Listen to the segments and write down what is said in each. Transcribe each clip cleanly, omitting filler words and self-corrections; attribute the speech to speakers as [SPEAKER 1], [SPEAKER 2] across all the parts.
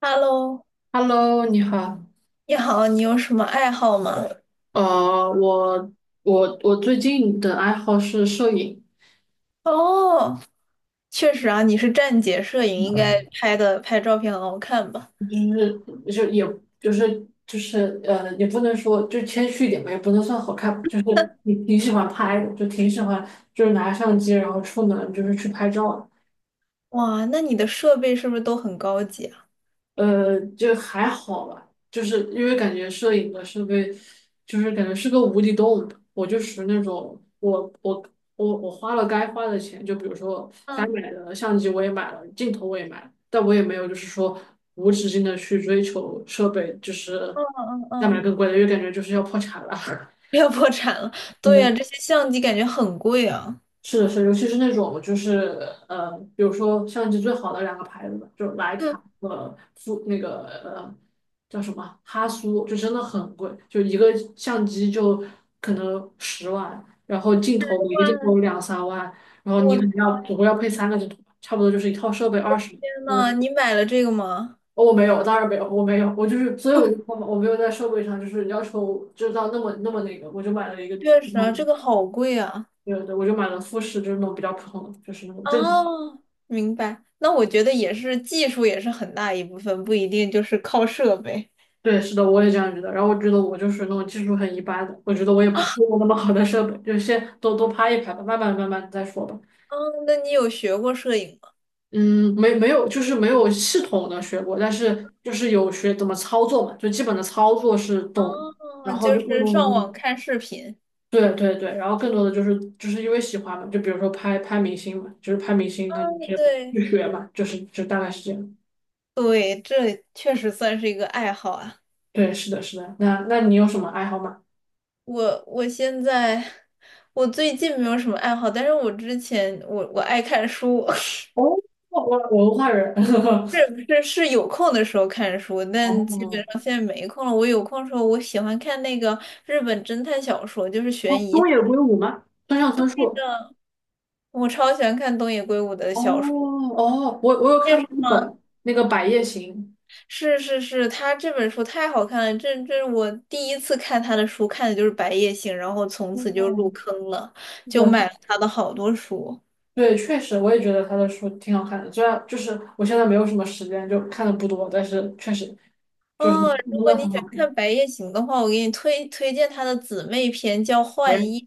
[SPEAKER 1] Hello，
[SPEAKER 2] Hello，你好。
[SPEAKER 1] 你好，你有什么爱好吗？
[SPEAKER 2] 呃，我我最近的爱好是摄影，
[SPEAKER 1] 哦，确实啊，你是站姐摄影，应该拍照片很好看吧？
[SPEAKER 2] 就是就是也就是就是呃，也不能说就谦虚一点吧，也不能算好看吧就是你挺喜欢拍的，就挺喜欢拿相机然后出门就是去拍照的。
[SPEAKER 1] 哇，那你的设备是不是都很高级啊？
[SPEAKER 2] 呃，就还好吧，就是因为感觉摄影的设备，就是感觉是个无底洞。我就属于那种，我花了该花的钱，就比如说该
[SPEAKER 1] 嗯
[SPEAKER 2] 买的相机我也买了，镜头我也买了，但我也没有就是说无止境的去追求设备，就是
[SPEAKER 1] 嗯嗯
[SPEAKER 2] 再买
[SPEAKER 1] 嗯，
[SPEAKER 2] 更贵的，因为感觉就是要破产了。
[SPEAKER 1] 不要破产了。对呀，这 些相机感觉很贵啊。
[SPEAKER 2] 是的是的，尤其是那种比如说相机最好的两个牌子吧，就是徕
[SPEAKER 1] 嗯，
[SPEAKER 2] 卡和富那个呃叫什么哈苏，就真的很贵，就一个相机就可能十万，然后镜头每个镜
[SPEAKER 1] 哇，
[SPEAKER 2] 头两三万，然后你
[SPEAKER 1] 我
[SPEAKER 2] 可
[SPEAKER 1] 的
[SPEAKER 2] 能要总共要配三个镜头，差不多就是一套设备二十，
[SPEAKER 1] 天
[SPEAKER 2] 真的。
[SPEAKER 1] 呐，你买了这个吗？
[SPEAKER 2] 哦我没有，当然没有，我没有，我就是，所以我就说嘛我没有在设备上就是要求知道那么那个，我就买了一个
[SPEAKER 1] 确
[SPEAKER 2] 普
[SPEAKER 1] 实
[SPEAKER 2] 通
[SPEAKER 1] 啊，
[SPEAKER 2] 的，
[SPEAKER 1] 这个好贵啊。
[SPEAKER 2] 对对，我就买了富士，就是那种比较普通的，就是那种正。
[SPEAKER 1] 哦，明白。那我觉得也是，技术也是很大一部分，不一定就是靠设备。
[SPEAKER 2] 对，是的，我也这样觉得。然后我觉得我就是那种技术很一般的，我觉得我也不配用那么好的设备，就先都拍一拍吧，慢慢再说吧。
[SPEAKER 1] 嗯，那你有学过摄影吗？
[SPEAKER 2] 嗯，没有，就是没有系统的学过，但是就是有学怎么操作嘛，就基本的操作是懂的。然
[SPEAKER 1] 哦，
[SPEAKER 2] 后
[SPEAKER 1] 就
[SPEAKER 2] 就更
[SPEAKER 1] 是
[SPEAKER 2] 多
[SPEAKER 1] 上
[SPEAKER 2] 的，
[SPEAKER 1] 网看视频。
[SPEAKER 2] 对对对，然后更多的就是因为喜欢嘛，就比如说拍拍明星嘛，就是拍明星，那就是
[SPEAKER 1] 对
[SPEAKER 2] 去学嘛，就是就大概是这样。
[SPEAKER 1] 对，这确实算是一个爱好啊。
[SPEAKER 2] 对，是的，是的。那那你有什么爱好吗？
[SPEAKER 1] 我我现在我最近没有什么爱好，但是我之前我爱看书，
[SPEAKER 2] 哦，我我文化人。
[SPEAKER 1] 是 不是是有空的时候看书，但基
[SPEAKER 2] 哦，
[SPEAKER 1] 本上现在没空了。我有空的时候，我喜欢看那个日本侦探小说，就是
[SPEAKER 2] 哦，
[SPEAKER 1] 悬疑
[SPEAKER 2] 东
[SPEAKER 1] 小
[SPEAKER 2] 野
[SPEAKER 1] 说。
[SPEAKER 2] 圭吾吗？村上春树。
[SPEAKER 1] 我超喜欢看东野圭吾的
[SPEAKER 2] 哦
[SPEAKER 1] 小说，
[SPEAKER 2] 哦，我我有
[SPEAKER 1] 你也
[SPEAKER 2] 看
[SPEAKER 1] 是
[SPEAKER 2] 过一
[SPEAKER 1] 吗？
[SPEAKER 2] 本那个《百叶行》。
[SPEAKER 1] 是，他这本书太好看了，这是我第一次看他的书，看的就是《白夜行》，然后从此就
[SPEAKER 2] 哦，
[SPEAKER 1] 入坑了，
[SPEAKER 2] 是
[SPEAKER 1] 就
[SPEAKER 2] 的
[SPEAKER 1] 买了他的好多书。
[SPEAKER 2] 对，确实，我也觉得他的书挺好看的。虽然就是我现在没有什么时间，就看的不多，但是确实就是
[SPEAKER 1] 哦，
[SPEAKER 2] 真
[SPEAKER 1] 如果
[SPEAKER 2] 的
[SPEAKER 1] 你
[SPEAKER 2] 很好
[SPEAKER 1] 想看
[SPEAKER 2] 看。
[SPEAKER 1] 《白夜行》的话，我给你推荐他的姊妹篇，叫《幻
[SPEAKER 2] 喂，
[SPEAKER 1] 夜》。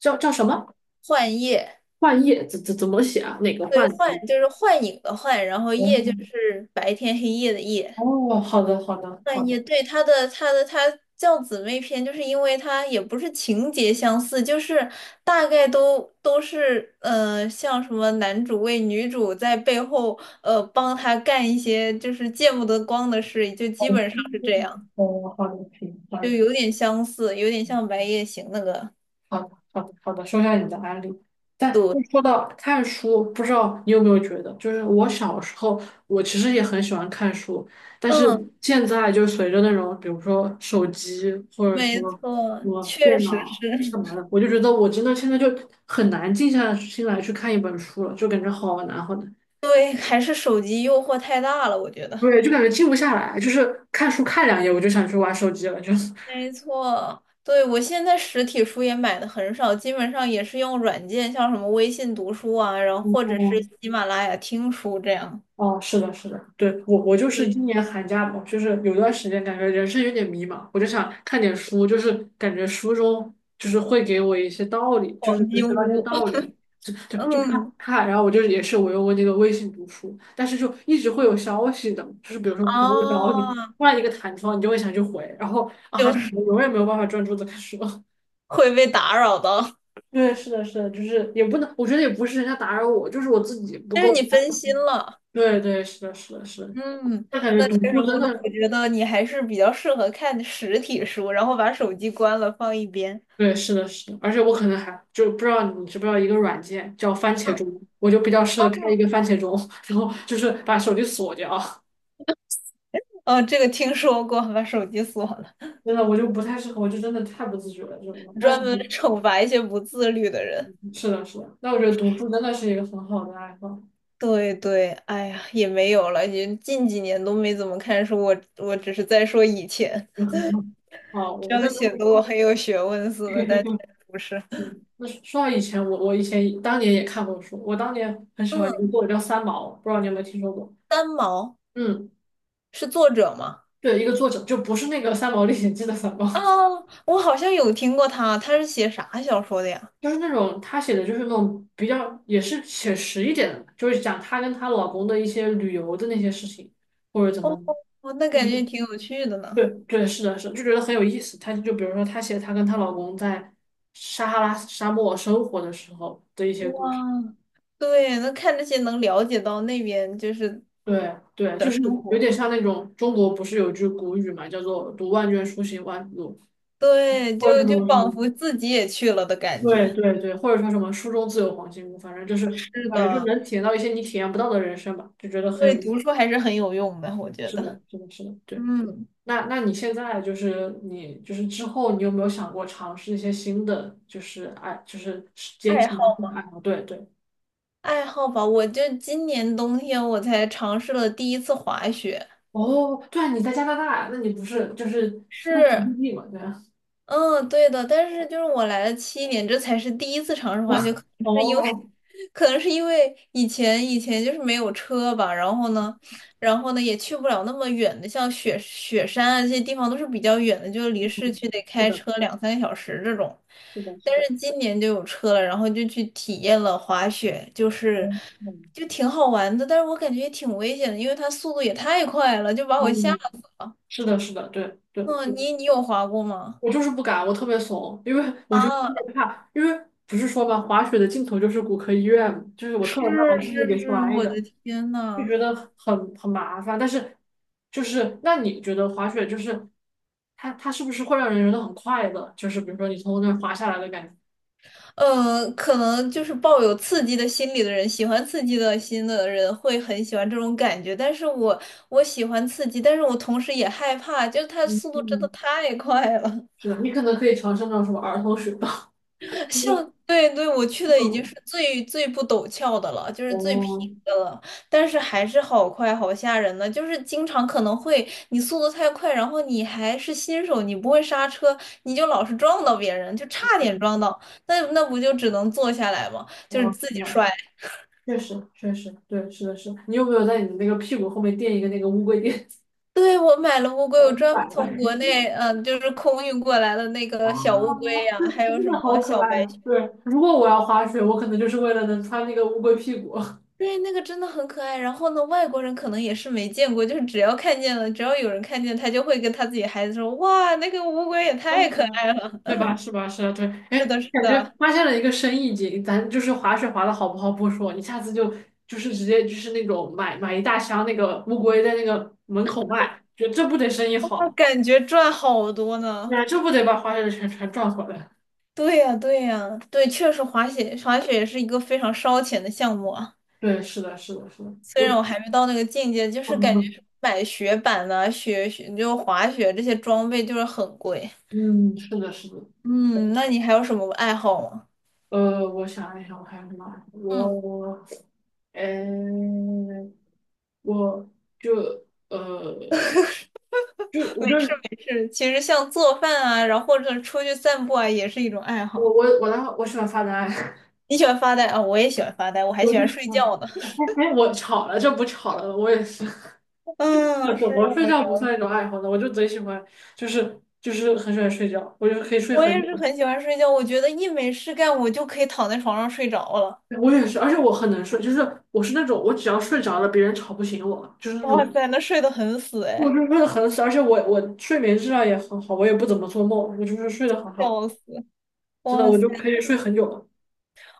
[SPEAKER 2] 叫什么？
[SPEAKER 1] 幻夜，
[SPEAKER 2] 幻夜怎么写啊？哪个
[SPEAKER 1] 对，
[SPEAKER 2] 幻
[SPEAKER 1] 幻
[SPEAKER 2] 字？
[SPEAKER 1] 就是幻影的幻，然后夜就
[SPEAKER 2] 哦
[SPEAKER 1] 是白天黑夜的夜。
[SPEAKER 2] 哦，好的好的
[SPEAKER 1] 哎，
[SPEAKER 2] 好
[SPEAKER 1] 也
[SPEAKER 2] 的，
[SPEAKER 1] 对，他叫姊妹篇，就是因为他也不是情节相似，就是大概都是像什么男主为女主在背后帮他干一些就是见不得光的事，就基本上是这样，
[SPEAKER 2] 哦好的，行，好
[SPEAKER 1] 就
[SPEAKER 2] 的。
[SPEAKER 1] 有点相似，有点像《白夜行》那个。
[SPEAKER 2] 好的，好的，好的，说一下你的案例。但说到看书，不知道你有没有觉得，就是我小时候，我其实也很喜欢看书，但是
[SPEAKER 1] 嗯，
[SPEAKER 2] 现在就随着那种，比如说手机或者
[SPEAKER 1] 没
[SPEAKER 2] 说
[SPEAKER 1] 错，
[SPEAKER 2] 什么
[SPEAKER 1] 确
[SPEAKER 2] 电
[SPEAKER 1] 实
[SPEAKER 2] 脑
[SPEAKER 1] 是，
[SPEAKER 2] 干嘛的，我就觉得我真的现在就很难静下心来去看一本书了，就感觉好难好难，
[SPEAKER 1] 对，还是手机诱惑太大了，我觉得。
[SPEAKER 2] 对，就感觉静不下来，就是看书看两页我就想去玩手机了，就是。
[SPEAKER 1] 没错，对，我现在实体书也买的很少，基本上也是用软件，像什么微信读书啊，然后或者是
[SPEAKER 2] 哦
[SPEAKER 1] 喜马拉雅听书这样。
[SPEAKER 2] 哦，是的，是的，对，我我就是
[SPEAKER 1] 对，
[SPEAKER 2] 今年寒假嘛，就是有段时间感觉人生有点迷茫，我就想看点书，就是感觉书中就是会给我一些道理，就是
[SPEAKER 1] 黄
[SPEAKER 2] 能
[SPEAKER 1] 金
[SPEAKER 2] 学到一些
[SPEAKER 1] 屋，
[SPEAKER 2] 道 理，就看
[SPEAKER 1] 嗯，
[SPEAKER 2] 看，然后我就也是我用我那个微信读书，但是就一直会有消息的，就是比如说朋友找你，
[SPEAKER 1] 啊，
[SPEAKER 2] 突然一个弹窗，你就会想去回，然后啊，
[SPEAKER 1] 就
[SPEAKER 2] 就
[SPEAKER 1] 是
[SPEAKER 2] 永远没有办法专注的看书。
[SPEAKER 1] 会被打扰到，
[SPEAKER 2] 对，是的，是的，就是也不能，我觉得也不是人家打扰我，就是我自己不
[SPEAKER 1] 但是
[SPEAKER 2] 够。
[SPEAKER 1] 你分 心了。
[SPEAKER 2] 对对，是的，是的，是的。
[SPEAKER 1] 嗯，
[SPEAKER 2] 那感觉
[SPEAKER 1] 那
[SPEAKER 2] 读
[SPEAKER 1] 确实，
[SPEAKER 2] 书
[SPEAKER 1] 我
[SPEAKER 2] 真
[SPEAKER 1] 那
[SPEAKER 2] 的，
[SPEAKER 1] 我觉得你还是比较适合看实体书，然后把手机关了放一边。
[SPEAKER 2] 对，是的，是的，而且我可能还就不知道你知不知道一个软件叫番茄
[SPEAKER 1] 嗯，
[SPEAKER 2] 钟，我就比较适合开一个番茄钟，然后就是把手机锁掉。
[SPEAKER 1] 哦，这个听说过，把手机锁了，
[SPEAKER 2] 真的，我就不太适合，我就真的太不自觉了，这种。但是
[SPEAKER 1] 专门
[SPEAKER 2] 读，
[SPEAKER 1] 惩罚一些不自律的人。
[SPEAKER 2] 是的，是的，那我觉得读书真的是一个很好的爱好。
[SPEAKER 1] 对对，哎呀，也没有了，也近几年都没怎么看书，我只是在说以前，
[SPEAKER 2] 哦，我
[SPEAKER 1] 这
[SPEAKER 2] 们那
[SPEAKER 1] 样
[SPEAKER 2] 如
[SPEAKER 1] 显
[SPEAKER 2] 果，
[SPEAKER 1] 得我很有学问 似的，但其实不是。
[SPEAKER 2] 嗯那说到以前，我我以前当年也看过书，我当年很喜欢一个
[SPEAKER 1] 嗯，
[SPEAKER 2] 作者叫三毛，不知道你有没有听说过？
[SPEAKER 1] 三毛
[SPEAKER 2] 嗯，
[SPEAKER 1] 是作者吗？
[SPEAKER 2] 对，一个作者，就不是那个《三毛历险记》的三
[SPEAKER 1] 啊，
[SPEAKER 2] 毛，
[SPEAKER 1] 我好像有听过他，他是写啥小说的呀？
[SPEAKER 2] 就是那种他写的就是那种比较也是写实一点的，就是讲她跟她老公的一些旅游的那些事情，或者怎
[SPEAKER 1] 哦，
[SPEAKER 2] 么，
[SPEAKER 1] 哦那
[SPEAKER 2] 就是
[SPEAKER 1] 感觉挺有趣的呢。
[SPEAKER 2] 对对是的是的就觉得很有意思。他就比如说他写她跟她老公在撒哈拉沙漠生活的时候的一些故事，
[SPEAKER 1] 哇，对，那看这些能了解到那边就是
[SPEAKER 2] 对对，
[SPEAKER 1] 的
[SPEAKER 2] 就是
[SPEAKER 1] 生
[SPEAKER 2] 有
[SPEAKER 1] 活，
[SPEAKER 2] 点像那种中国不是有句古语嘛，叫做“读万卷书，行万里路”，
[SPEAKER 1] 对，就
[SPEAKER 2] 或者是什
[SPEAKER 1] 就
[SPEAKER 2] 么什么，
[SPEAKER 1] 仿佛自己也去了的感
[SPEAKER 2] 对
[SPEAKER 1] 觉。
[SPEAKER 2] 对对，或者说什么“书中自有黄金屋”，反正就是
[SPEAKER 1] 是
[SPEAKER 2] 感觉就
[SPEAKER 1] 的。
[SPEAKER 2] 能体验到一些你体验不到的人生吧，就觉得很有
[SPEAKER 1] 对，
[SPEAKER 2] 意思
[SPEAKER 1] 读书还是很有用的，我觉
[SPEAKER 2] 是
[SPEAKER 1] 得。
[SPEAKER 2] 的，是的，是的，对。
[SPEAKER 1] 嗯，
[SPEAKER 2] 那那你现在就是你就是之后你有没有想过尝试一些新的就是爱就是捡
[SPEAKER 1] 爱
[SPEAKER 2] 起
[SPEAKER 1] 好
[SPEAKER 2] 新爱好？对对。
[SPEAKER 1] 爱好吧，我就今年冬天我才尝试了第一次滑雪，
[SPEAKER 2] 哦，对啊，你在加拿大，那你不是就是那是
[SPEAKER 1] 是
[SPEAKER 2] 异地嘛？对啊。
[SPEAKER 1] 嗯，对的，但是就是我来了7年，这才是第一次尝 试
[SPEAKER 2] 哇，
[SPEAKER 1] 滑雪，可能是因为，
[SPEAKER 2] 哦，
[SPEAKER 1] 可能是因为以前就是没有车吧，然后呢，然后呢也去不了那么远的，像雪山啊这些地方都是比较远的，就离市区得
[SPEAKER 2] 是
[SPEAKER 1] 开
[SPEAKER 2] 的，
[SPEAKER 1] 车两三个小时这种。
[SPEAKER 2] 是的，是
[SPEAKER 1] 但
[SPEAKER 2] 的，
[SPEAKER 1] 是今年就有车了，然后就去体验了滑雪，就是
[SPEAKER 2] 嗯嗯，
[SPEAKER 1] 就挺好玩的，但是我感觉也挺危险的，因为它速度也太快了，就把我吓
[SPEAKER 2] 哦，
[SPEAKER 1] 死了。
[SPEAKER 2] 是的，是的，对对，
[SPEAKER 1] 嗯，你有滑过吗？
[SPEAKER 2] 我就是不敢，我特别怂，因为我就是特
[SPEAKER 1] 啊。
[SPEAKER 2] 别怕，因为不是说嘛，滑雪的尽头就是骨科医院嘛就是我特
[SPEAKER 1] 是
[SPEAKER 2] 别怕把自己
[SPEAKER 1] 是
[SPEAKER 2] 给
[SPEAKER 1] 是，
[SPEAKER 2] 摔
[SPEAKER 1] 我
[SPEAKER 2] 着。
[SPEAKER 1] 的天
[SPEAKER 2] 就觉
[SPEAKER 1] 呐，
[SPEAKER 2] 得很很麻烦。但是，就是那你觉得滑雪就是它是不是会让人觉得很快乐？就是比如说你从那儿滑下来的感觉，
[SPEAKER 1] 可能就是抱有刺激的心理的人，喜欢刺激的心的人会很喜欢这种感觉。但是我喜欢刺激，但是我同时也害怕，就是它
[SPEAKER 2] 嗯
[SPEAKER 1] 速度真的
[SPEAKER 2] 嗯，
[SPEAKER 1] 太快了。
[SPEAKER 2] 是的。你可能可以尝试那种什么儿童雪道，就是
[SPEAKER 1] 像对对，我去
[SPEAKER 2] 那
[SPEAKER 1] 的已经
[SPEAKER 2] 种
[SPEAKER 1] 是最不陡峭的了，就是最平
[SPEAKER 2] 哦，
[SPEAKER 1] 的了，但是还是好快，好吓人呢。就是经常可能会你速度太快，然后你还是新手，你不会刹车，你就老是撞到别人，就差点撞到，那不就只能坐下来吗？就是
[SPEAKER 2] 哦
[SPEAKER 1] 自己
[SPEAKER 2] 那
[SPEAKER 1] 摔。
[SPEAKER 2] 确实对，是的是的你有没有在你的那个屁股后面垫一个那个乌龟垫？
[SPEAKER 1] 对，我买了乌 龟，我
[SPEAKER 2] 我
[SPEAKER 1] 专门
[SPEAKER 2] 反了
[SPEAKER 1] 从国 内，嗯、就是空运过来的那个小乌
[SPEAKER 2] 啊，
[SPEAKER 1] 龟呀、还
[SPEAKER 2] 这
[SPEAKER 1] 有
[SPEAKER 2] 真
[SPEAKER 1] 什
[SPEAKER 2] 的好
[SPEAKER 1] 么
[SPEAKER 2] 可
[SPEAKER 1] 小
[SPEAKER 2] 爱
[SPEAKER 1] 白
[SPEAKER 2] 啊！对，如果我要滑雪，我可能就是为了能穿那个乌龟屁股。
[SPEAKER 1] 对，那个真的很可爱。然后呢，外国人可能也是没见过，就是只要看见了，只要有人看见，他就会跟他自己孩子说：“哇，那个乌龟也太可爱了！”
[SPEAKER 2] 对吧？是吧？是啊，对，哎，
[SPEAKER 1] 是的，是
[SPEAKER 2] 感觉
[SPEAKER 1] 的，
[SPEAKER 2] 发现了一个生意经，咱就是滑雪滑的好不好不说，你下次就就是直接就是那种买一大箱那个乌龟在那个门口卖，觉得这不得生意
[SPEAKER 1] 那
[SPEAKER 2] 好，
[SPEAKER 1] 感觉赚好多呢。
[SPEAKER 2] 那这不得把滑雪的钱全赚回来？
[SPEAKER 1] 对呀，对呀，对，确实滑雪也是一个非常烧钱的项目啊。
[SPEAKER 2] 对，是的，是的，是的，
[SPEAKER 1] 虽
[SPEAKER 2] 我，
[SPEAKER 1] 然我还没到那个境界，就是感
[SPEAKER 2] 嗯，
[SPEAKER 1] 觉买雪板呐、雪雪就滑雪这些装备就是很贵。
[SPEAKER 2] 嗯是的，是的，
[SPEAKER 1] 嗯，那你还有什么爱好吗？
[SPEAKER 2] 呃，我想一想，我还有什么啊？
[SPEAKER 1] 嗯。
[SPEAKER 2] 我，呃，我就呃，就我
[SPEAKER 1] 没事
[SPEAKER 2] 就
[SPEAKER 1] 没事，其实像做饭啊，然后或者出去散步啊，也是一种爱
[SPEAKER 2] 我
[SPEAKER 1] 好。
[SPEAKER 2] 我我的话我喜欢发呆。
[SPEAKER 1] 你喜欢发呆啊，我也喜欢发呆，我还
[SPEAKER 2] 我
[SPEAKER 1] 喜
[SPEAKER 2] 就
[SPEAKER 1] 欢
[SPEAKER 2] 是，
[SPEAKER 1] 睡
[SPEAKER 2] 嗯
[SPEAKER 1] 觉呢。
[SPEAKER 2] 哎哎，我吵了，就不吵了，我也是。
[SPEAKER 1] 嗯，
[SPEAKER 2] 那怎
[SPEAKER 1] 是
[SPEAKER 2] 么
[SPEAKER 1] 的，
[SPEAKER 2] 睡
[SPEAKER 1] 我
[SPEAKER 2] 觉不算一种爱好呢？我就贼喜欢，很喜欢睡觉，我就可以睡
[SPEAKER 1] 我
[SPEAKER 2] 很
[SPEAKER 1] 也是
[SPEAKER 2] 久。
[SPEAKER 1] 很喜欢睡觉，我觉得一没事干，我就可以躺在床上睡着了。
[SPEAKER 2] 我也是，而且我很能睡，就是我是那种我只要睡着了，别人吵不醒我，就是那
[SPEAKER 1] 哇
[SPEAKER 2] 种
[SPEAKER 1] 塞，那睡得很死
[SPEAKER 2] 我
[SPEAKER 1] 哎，
[SPEAKER 2] 就睡得很死，而且我睡眠质量也很好，我也不怎么做梦，我就是睡得很好，
[SPEAKER 1] 笑死！
[SPEAKER 2] 真的
[SPEAKER 1] 哇
[SPEAKER 2] 我
[SPEAKER 1] 塞，
[SPEAKER 2] 就可以睡很久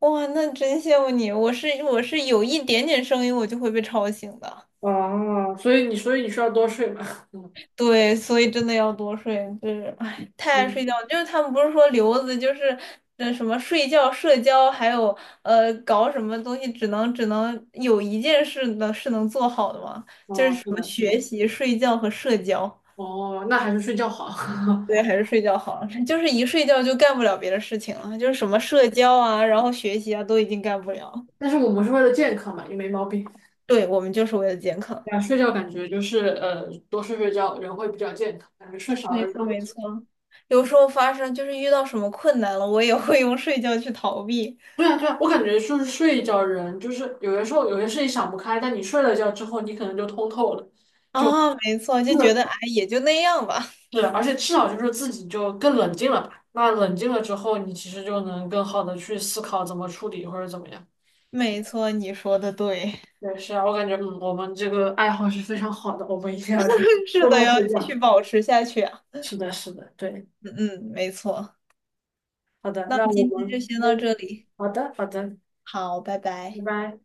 [SPEAKER 1] 哇，那真羡慕你，我是有一点点声音我就会被吵醒的。
[SPEAKER 2] 了啊。所以你需要多睡嘛，嗯，
[SPEAKER 1] 对，所以真的要多睡，就是哎，太
[SPEAKER 2] 是
[SPEAKER 1] 爱睡觉了就是他们不是说留子，就是什么睡觉、社交，还有搞什么东西，只能有一件事能是能做好的吗？
[SPEAKER 2] 啊，是的，
[SPEAKER 1] 学
[SPEAKER 2] 嗯，
[SPEAKER 1] 习、睡觉和社交。
[SPEAKER 2] 哦，那还是睡觉好。
[SPEAKER 1] 对，还是睡觉好，就是一睡觉就干不了别的事情了，就是什么社交啊，然后学习啊，都已经干不了。
[SPEAKER 2] 但是我们是为了健康嘛，也没毛病。
[SPEAKER 1] 对，我们就是为了健康。
[SPEAKER 2] 对啊，睡觉感觉就是呃，多睡睡觉人会比较健康，感觉睡少了
[SPEAKER 1] 没
[SPEAKER 2] 人
[SPEAKER 1] 错，
[SPEAKER 2] 都不。
[SPEAKER 1] 没错。有时候发生就是遇到什么困难了，我也会用睡觉去逃避。
[SPEAKER 2] 对啊，对啊，我感觉就是睡一觉人，就是有的时候有些事情想不开，但你睡了觉之后，你可能就通透了。
[SPEAKER 1] 啊，没错，就觉得
[SPEAKER 2] 是
[SPEAKER 1] 哎，也就那样吧。
[SPEAKER 2] 对啊，而且至少就是自己就更冷静了吧。那冷静了之后，你其实就能更好的去思考怎么处理或者怎么样。
[SPEAKER 1] 没错，你说的对，
[SPEAKER 2] 对，是啊，我感觉嗯，我们这个爱好是非常好的，我们一定要多
[SPEAKER 1] 是的，
[SPEAKER 2] 多
[SPEAKER 1] 要
[SPEAKER 2] 睡
[SPEAKER 1] 继续
[SPEAKER 2] 觉。
[SPEAKER 1] 保持下去啊。
[SPEAKER 2] 是的，是的，对，
[SPEAKER 1] 嗯嗯，没错。
[SPEAKER 2] 好的，
[SPEAKER 1] 那
[SPEAKER 2] 那我
[SPEAKER 1] 今天
[SPEAKER 2] 们
[SPEAKER 1] 就先
[SPEAKER 2] 嗯，
[SPEAKER 1] 到这里，
[SPEAKER 2] 好的，好的。
[SPEAKER 1] 好，拜
[SPEAKER 2] 拜
[SPEAKER 1] 拜。
[SPEAKER 2] 拜。